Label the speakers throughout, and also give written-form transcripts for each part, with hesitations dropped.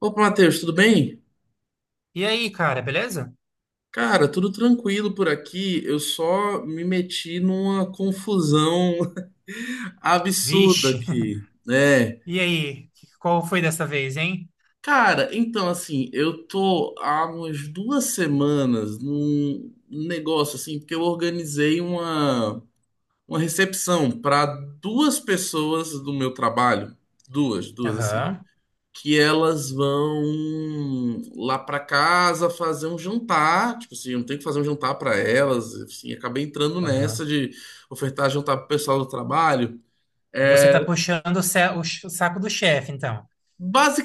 Speaker 1: Opa, Matheus, tudo bem?
Speaker 2: E aí, cara, beleza?
Speaker 1: Cara, tudo tranquilo por aqui. Eu só me meti numa confusão absurda
Speaker 2: Vixe.
Speaker 1: aqui, né?
Speaker 2: E aí, qual foi dessa vez, hein?
Speaker 1: Cara, então assim, eu tô há umas duas semanas num negócio assim, porque eu organizei uma recepção para duas pessoas do meu trabalho, duas, duas assim.
Speaker 2: Aham,
Speaker 1: Que elas vão lá pra casa fazer um jantar, tipo assim, eu não tenho que fazer um jantar pra elas, assim, acabei entrando nessa
Speaker 2: aham.
Speaker 1: de ofertar jantar pro pessoal do trabalho.
Speaker 2: Você tá
Speaker 1: É,
Speaker 2: puxando o, o saco do chefe, então.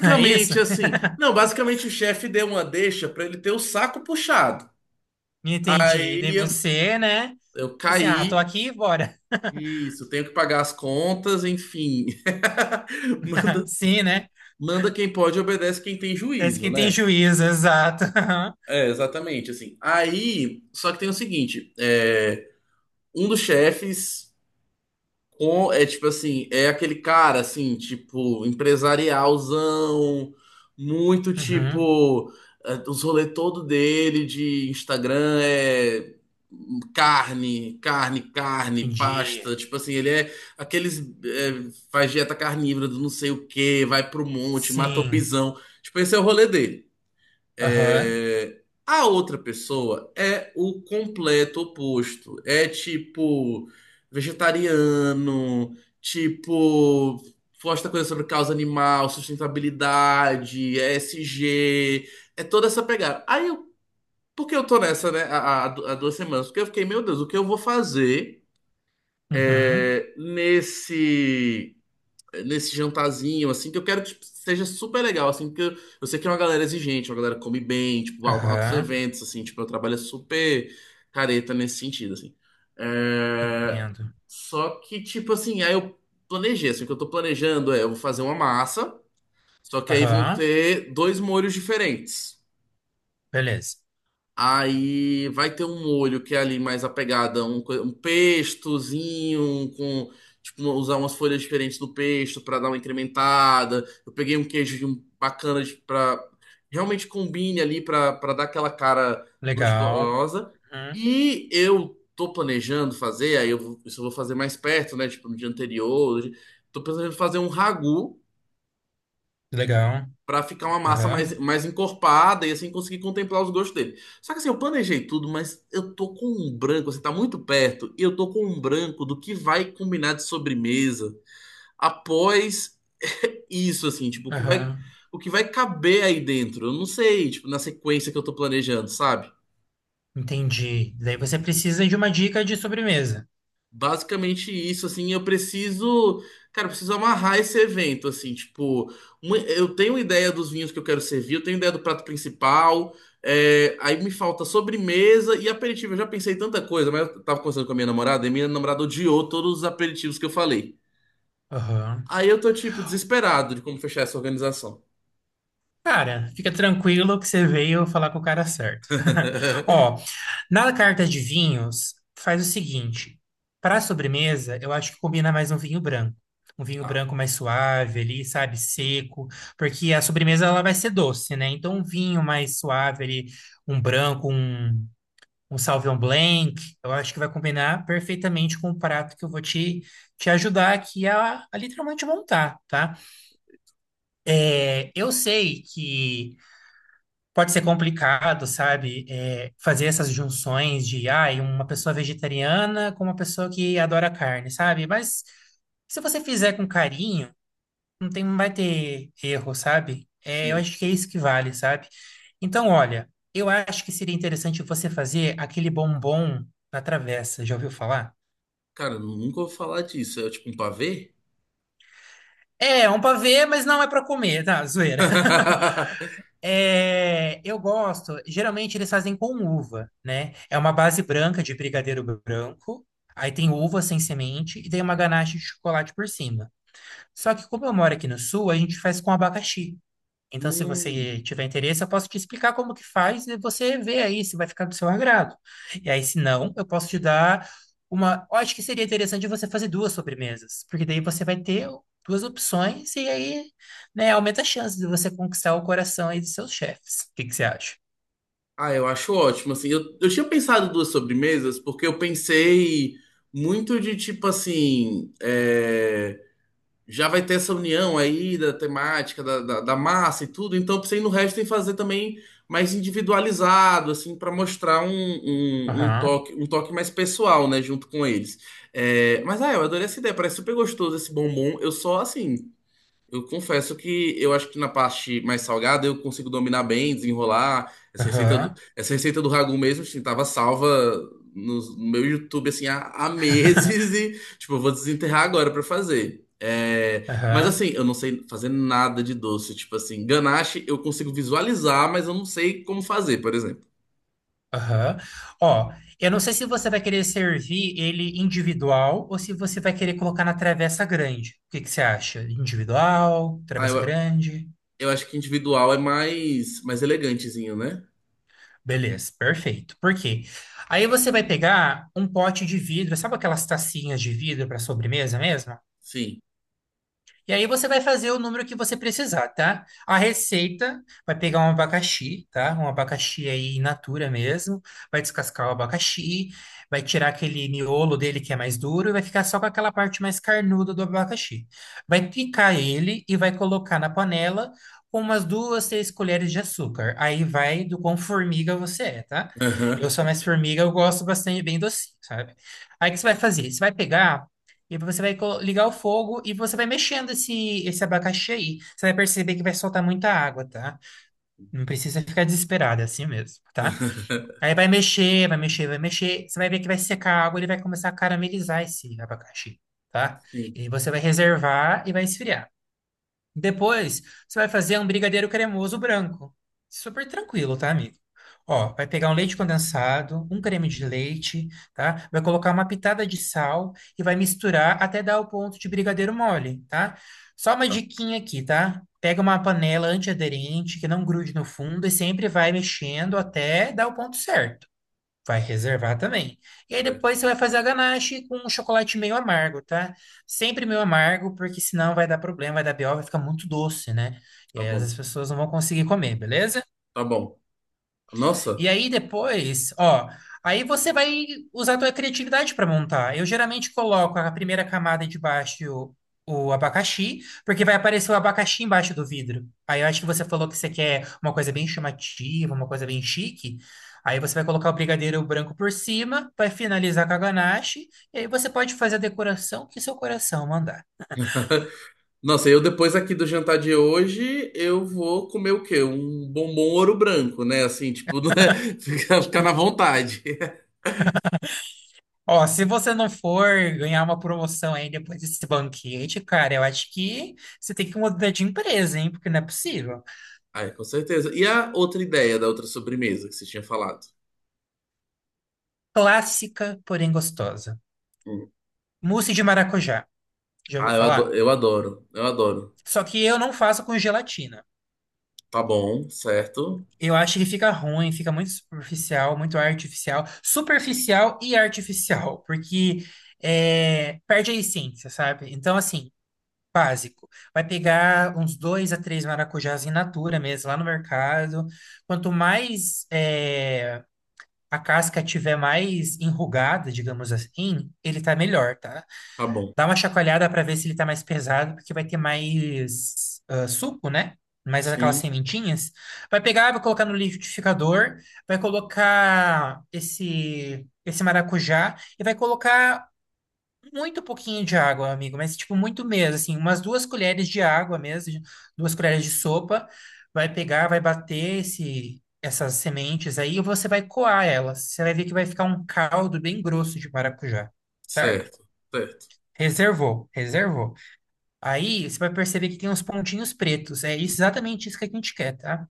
Speaker 2: É isso?
Speaker 1: assim, não, basicamente o chefe deu uma deixa pra ele ter o saco puxado.
Speaker 2: Me entendi. E
Speaker 1: E
Speaker 2: daí você, né?
Speaker 1: eu
Speaker 2: Assim, ah, tô
Speaker 1: caí,
Speaker 2: aqui, bora.
Speaker 1: isso, tenho que pagar as contas, enfim. Manda,
Speaker 2: Sim, né?
Speaker 1: manda quem pode, obedece quem tem
Speaker 2: Parece
Speaker 1: juízo,
Speaker 2: que tem
Speaker 1: né?
Speaker 2: juízo, exato.
Speaker 1: É, exatamente, assim. Aí, só que tem o seguinte, um dos chefes é tipo assim, é aquele cara assim, tipo, empresarialzão, muito
Speaker 2: Uhum,
Speaker 1: tipo, os rolê todo dele de Instagram é carne, carne, carne,
Speaker 2: entendi.
Speaker 1: pasta, tipo assim, ele é aqueles faz dieta carnívora do não sei o que vai pro monte, mata o
Speaker 2: Sim.
Speaker 1: pisão. Tipo, esse é o rolê dele.
Speaker 2: Aham,
Speaker 1: É, a outra pessoa é o completo oposto. É tipo vegetariano, tipo posta coisa sobre causa animal, sustentabilidade, ESG é toda essa pegada. Aí eu, porque eu tô nessa, né, há duas semanas, porque eu fiquei, meu Deus, o que eu vou fazer
Speaker 2: uhum,
Speaker 1: nesse nesse jantarzinho, assim, que eu quero que tipo, seja super legal, assim, porque eu sei que é uma galera exigente, uma galera que come bem, tipo, altos
Speaker 2: aham.
Speaker 1: eventos, assim, tipo, eu trabalho super careta nesse sentido, assim. É,
Speaker 2: Entendo.
Speaker 1: Só que, tipo assim, aí eu planejei, assim, o que eu tô planejando é, eu vou fazer uma massa, só que aí vão
Speaker 2: Aham,
Speaker 1: ter dois molhos diferentes.
Speaker 2: beleza.
Speaker 1: Aí vai ter um molho que é ali mais apegada, um pestozinho, um com tipo usar umas folhas diferentes do pesto para dar uma incrementada. Eu peguei um queijo de bacana para realmente combine ali para dar aquela cara
Speaker 2: Legal.
Speaker 1: gostosa.
Speaker 2: Uhum,
Speaker 1: E eu tô planejando fazer, aí isso eu vou fazer mais perto, né? Tipo no dia anterior. Tô planejando fazer um ragu
Speaker 2: legal.
Speaker 1: pra ficar uma massa mais,
Speaker 2: Aham,
Speaker 1: mais encorpada e assim conseguir contemplar os gostos dele. Só que assim, eu planejei tudo, mas eu tô com um branco, assim, tá muito perto, e eu tô com um branco do que vai combinar de sobremesa após isso, assim, tipo,
Speaker 2: aham.
Speaker 1: o que vai caber aí dentro. Eu não sei, tipo, na sequência que eu tô planejando, sabe?
Speaker 2: Entendi. Daí você precisa de uma dica de sobremesa.
Speaker 1: Basicamente isso, assim, eu preciso, cara, eu preciso amarrar esse evento, assim, tipo, eu tenho ideia dos vinhos que eu quero servir, eu tenho ideia do prato principal, é, aí me falta sobremesa e aperitivo, eu já pensei em tanta coisa, mas eu tava conversando com a minha namorada e minha namorada odiou todos os aperitivos que eu falei.
Speaker 2: Aham.
Speaker 1: Aí eu tô, tipo, desesperado de como fechar essa organização.
Speaker 2: Cara, fica tranquilo que você veio falar com o cara certo. Ó, na carta de vinhos, faz o seguinte: para sobremesa, eu acho que combina mais um vinho branco. Um vinho
Speaker 1: Tá,
Speaker 2: branco mais suave ali, sabe? Seco. Porque a sobremesa ela vai ser doce, né? Então, um vinho mais suave ali, um branco, um Sauvignon Blanc, eu acho que vai combinar perfeitamente com o prato que eu vou te, te ajudar aqui a literalmente montar, tá? É, eu sei que pode ser complicado, sabe, é, fazer essas junções de, ah, uma pessoa vegetariana com uma pessoa que adora carne, sabe? Mas se você fizer com carinho, não tem, não vai ter erro, sabe? É, eu
Speaker 1: sim.
Speaker 2: acho que é isso que vale, sabe? Então, olha, eu acho que seria interessante você fazer aquele bombom na travessa, já ouviu falar?
Speaker 1: Cara, eu nunca vou falar disso, é tipo um pavê?
Speaker 2: É, é um pavê, mas não é para comer, tá? Zoeira. É, eu gosto, geralmente eles fazem com uva, né? É uma base branca de brigadeiro branco, aí tem uva sem semente e tem uma ganache de chocolate por cima. Só que como eu moro aqui no sul, a gente faz com abacaxi. Então, se
Speaker 1: Hum.
Speaker 2: você tiver interesse, eu posso te explicar como que faz e você vê aí se vai ficar do seu agrado. E aí, se não, eu posso te dar uma. Eu acho que seria interessante você fazer duas sobremesas, porque daí você vai ter duas opções e aí, né, aumenta a chance de você conquistar o coração aí dos seus chefes. O que que você acha?
Speaker 1: Ah, eu acho ótimo, assim, eu tinha pensado duas sobremesas, porque eu pensei muito de, tipo, assim, é, já vai ter essa união aí da temática, da massa e tudo, então eu pensei no resto em fazer também mais individualizado, assim, para mostrar
Speaker 2: Aham,
Speaker 1: um toque mais pessoal, né, junto com eles. É, mas, ah, eu adorei essa ideia, parece super gostoso esse bombom, eu só, assim, eu confesso que eu acho que na parte mais salgada eu consigo dominar bem, desenrolar.
Speaker 2: aham,
Speaker 1: Essa receita do ragu mesmo, assim, tava salva no meu YouTube, assim, há meses e, tipo, eu vou desenterrar agora pra fazer. É, mas
Speaker 2: aham.
Speaker 1: assim, eu não sei fazer nada de doce. Tipo assim, ganache eu consigo visualizar, mas eu não sei como fazer, por exemplo.
Speaker 2: Aham. Ó, eu não sei se você vai querer servir ele individual ou se você vai querer colocar na travessa grande. O que que você acha? Individual,
Speaker 1: Ah,
Speaker 2: travessa grande?
Speaker 1: eu acho que individual é mais, mais elegantezinho, né?
Speaker 2: Beleza, perfeito. Por quê? Aí você vai pegar um pote de vidro, sabe aquelas tacinhas de vidro para sobremesa mesmo?
Speaker 1: Sim.
Speaker 2: E aí você vai fazer o número que você precisar, tá? A receita vai pegar um abacaxi, tá? Um abacaxi aí in natura mesmo. Vai descascar o abacaxi, vai tirar aquele miolo dele que é mais duro e vai ficar só com aquela parte mais carnuda do abacaxi. Vai picar ele e vai colocar na panela com umas duas, três colheres de açúcar. Aí vai do quão formiga você é, tá? Eu
Speaker 1: Aham.
Speaker 2: sou mais formiga, eu gosto bastante bem docinho, sabe? Aí o que você vai fazer? Você vai pegar e aí você vai ligar o fogo e você vai mexendo esse, esse abacaxi aí. Você vai perceber que vai soltar muita água, tá? Não precisa ficar desesperado, é assim mesmo, tá? Aí vai mexer, vai mexer, vai mexer. Você vai ver que vai secar a água, ele vai começar a caramelizar esse abacaxi, tá?
Speaker 1: Sim,
Speaker 2: E você vai reservar e vai esfriar. Depois, você vai fazer um brigadeiro cremoso branco. Super tranquilo, tá, amigo? Ó, vai pegar um leite condensado, um creme de leite, tá? Vai colocar uma pitada de sal e vai misturar até dar o ponto de brigadeiro mole, tá? Só uma
Speaker 1: tá,
Speaker 2: diquinha aqui, tá? Pega uma panela antiaderente que não grude no fundo e sempre vai mexendo até dar o ponto certo. Vai reservar também. E aí depois
Speaker 1: certo.
Speaker 2: você vai fazer a ganache com um chocolate meio amargo, tá? Sempre meio amargo, porque senão vai dar problema, vai dar BO, vai ficar muito doce, né? E
Speaker 1: Tá
Speaker 2: aí às
Speaker 1: bom.
Speaker 2: vezes as pessoas não vão conseguir comer, beleza?
Speaker 1: Tá bom. Nossa,
Speaker 2: E aí depois, ó, aí você vai usar a tua criatividade para montar. Eu geralmente coloco a primeira camada de baixo o abacaxi, porque vai aparecer o abacaxi embaixo do vidro. Aí eu acho que você falou que você quer uma coisa bem chamativa, uma coisa bem chique. Aí você vai colocar o brigadeiro branco por cima, vai finalizar com a ganache, e aí você pode fazer a decoração que seu coração mandar.
Speaker 1: nossa, eu depois aqui do jantar de hoje, eu vou comer o quê? Um bombom ouro branco, né? Assim, tipo, né? Ficar, ficar na vontade.
Speaker 2: Ó, se você não for ganhar uma promoção aí depois desse banquete, cara, eu acho que você tem que mudar de empresa, hein? Porque não é possível.
Speaker 1: Ai, com certeza. E a outra ideia da outra sobremesa que você tinha falado?
Speaker 2: Clássica, porém gostosa.
Speaker 1: Hum.
Speaker 2: Mousse de maracujá. Já ouviu
Speaker 1: Ah,
Speaker 2: falar?
Speaker 1: eu adoro, eu adoro.
Speaker 2: Só que eu não faço com gelatina.
Speaker 1: Tá bom, certo?
Speaker 2: Eu acho que fica ruim, fica muito superficial, muito artificial. Superficial e artificial, porque é, perde a essência, sabe? Então, assim. Básico. Vai pegar uns dois a três maracujás in natura mesmo, lá no mercado. Quanto mais a casca tiver mais enrugada, digamos assim, ele tá melhor, tá?
Speaker 1: Tá bom.
Speaker 2: Dá uma chacoalhada para ver se ele tá mais pesado, porque vai ter mais ah, suco, né? Mais aquelas
Speaker 1: Sim,
Speaker 2: sementinhas. Vai pegar, vai colocar no liquidificador, vai colocar esse, esse maracujá e vai colocar muito pouquinho de água, amigo, mas tipo muito mesmo, assim, umas duas colheres de água mesmo, duas colheres de sopa, vai pegar, vai bater esse, essas sementes aí e você vai coar elas. Você vai ver que vai ficar um caldo bem grosso de maracujá, certo?
Speaker 1: certo, certo,
Speaker 2: Reservou, reservou. Aí você vai perceber que tem uns pontinhos pretos, é isso- exatamente isso que a gente quer, tá?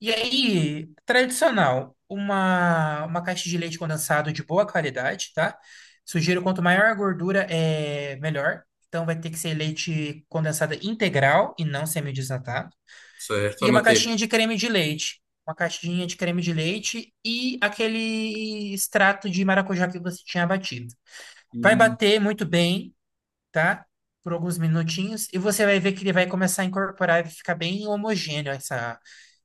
Speaker 2: E aí, tradicional, uma caixa de leite condensado de boa qualidade, tá? Sugiro quanto maior a gordura, é melhor. Então vai ter que ser leite condensado integral e não semi-desnatado.
Speaker 1: certo.
Speaker 2: E uma
Speaker 1: Anotei.
Speaker 2: caixinha de creme de leite. Uma caixinha de creme de leite e aquele extrato de maracujá que você tinha batido. Vai bater muito bem tá? Por alguns minutinhos, e você vai ver que ele vai começar a incorporar e ficar bem homogêneo essa,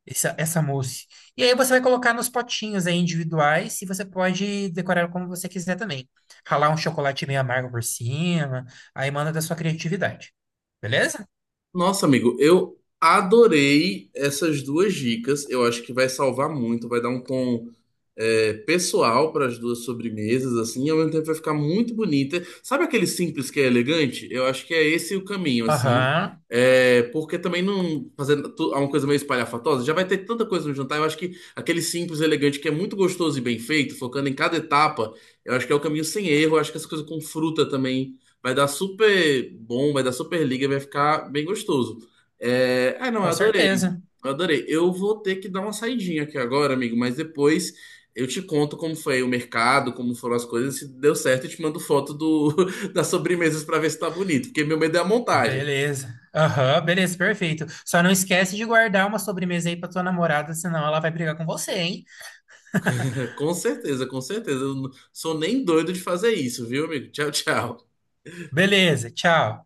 Speaker 2: essa mousse. E aí você vai colocar nos potinhos aí individuais e você pode decorar como você quiser também. Ralar um chocolate meio amargo por cima, aí manda da sua criatividade. Beleza?
Speaker 1: Nossa, amigo, eu adorei essas duas dicas. Eu acho que vai salvar muito, vai dar um tom pessoal para as duas sobremesas, assim, e ao mesmo tempo vai ficar muito bonita. Sabe aquele simples que é elegante? Eu acho que é esse o caminho, assim.
Speaker 2: Aham,
Speaker 1: É, porque também não fazendo é uma coisa meio espalhafatosa, já vai ter tanta coisa no jantar. Eu acho que aquele simples, elegante, que é muito gostoso e bem feito, focando em cada etapa, eu acho que é o caminho sem erro. Eu acho que essa coisa com fruta também. Vai dar super bom, vai dar super liga, vai ficar bem gostoso. É... Ah, não, eu
Speaker 2: com
Speaker 1: adorei.
Speaker 2: certeza.
Speaker 1: Eu adorei. Eu vou ter que dar uma saidinha aqui agora, amigo, mas depois eu te conto como foi o mercado, como foram as coisas, se deu certo, eu te mando foto do... das sobremesas para ver se tá bonito, porque meu medo é a montagem.
Speaker 2: Beleza. Aham, beleza, perfeito. Só não esquece de guardar uma sobremesa aí pra tua namorada, senão ela vai brigar com você, hein?
Speaker 1: Com certeza, com certeza. Eu não sou nem doido de fazer isso, viu, amigo? Tchau, tchau.
Speaker 2: Beleza, tchau.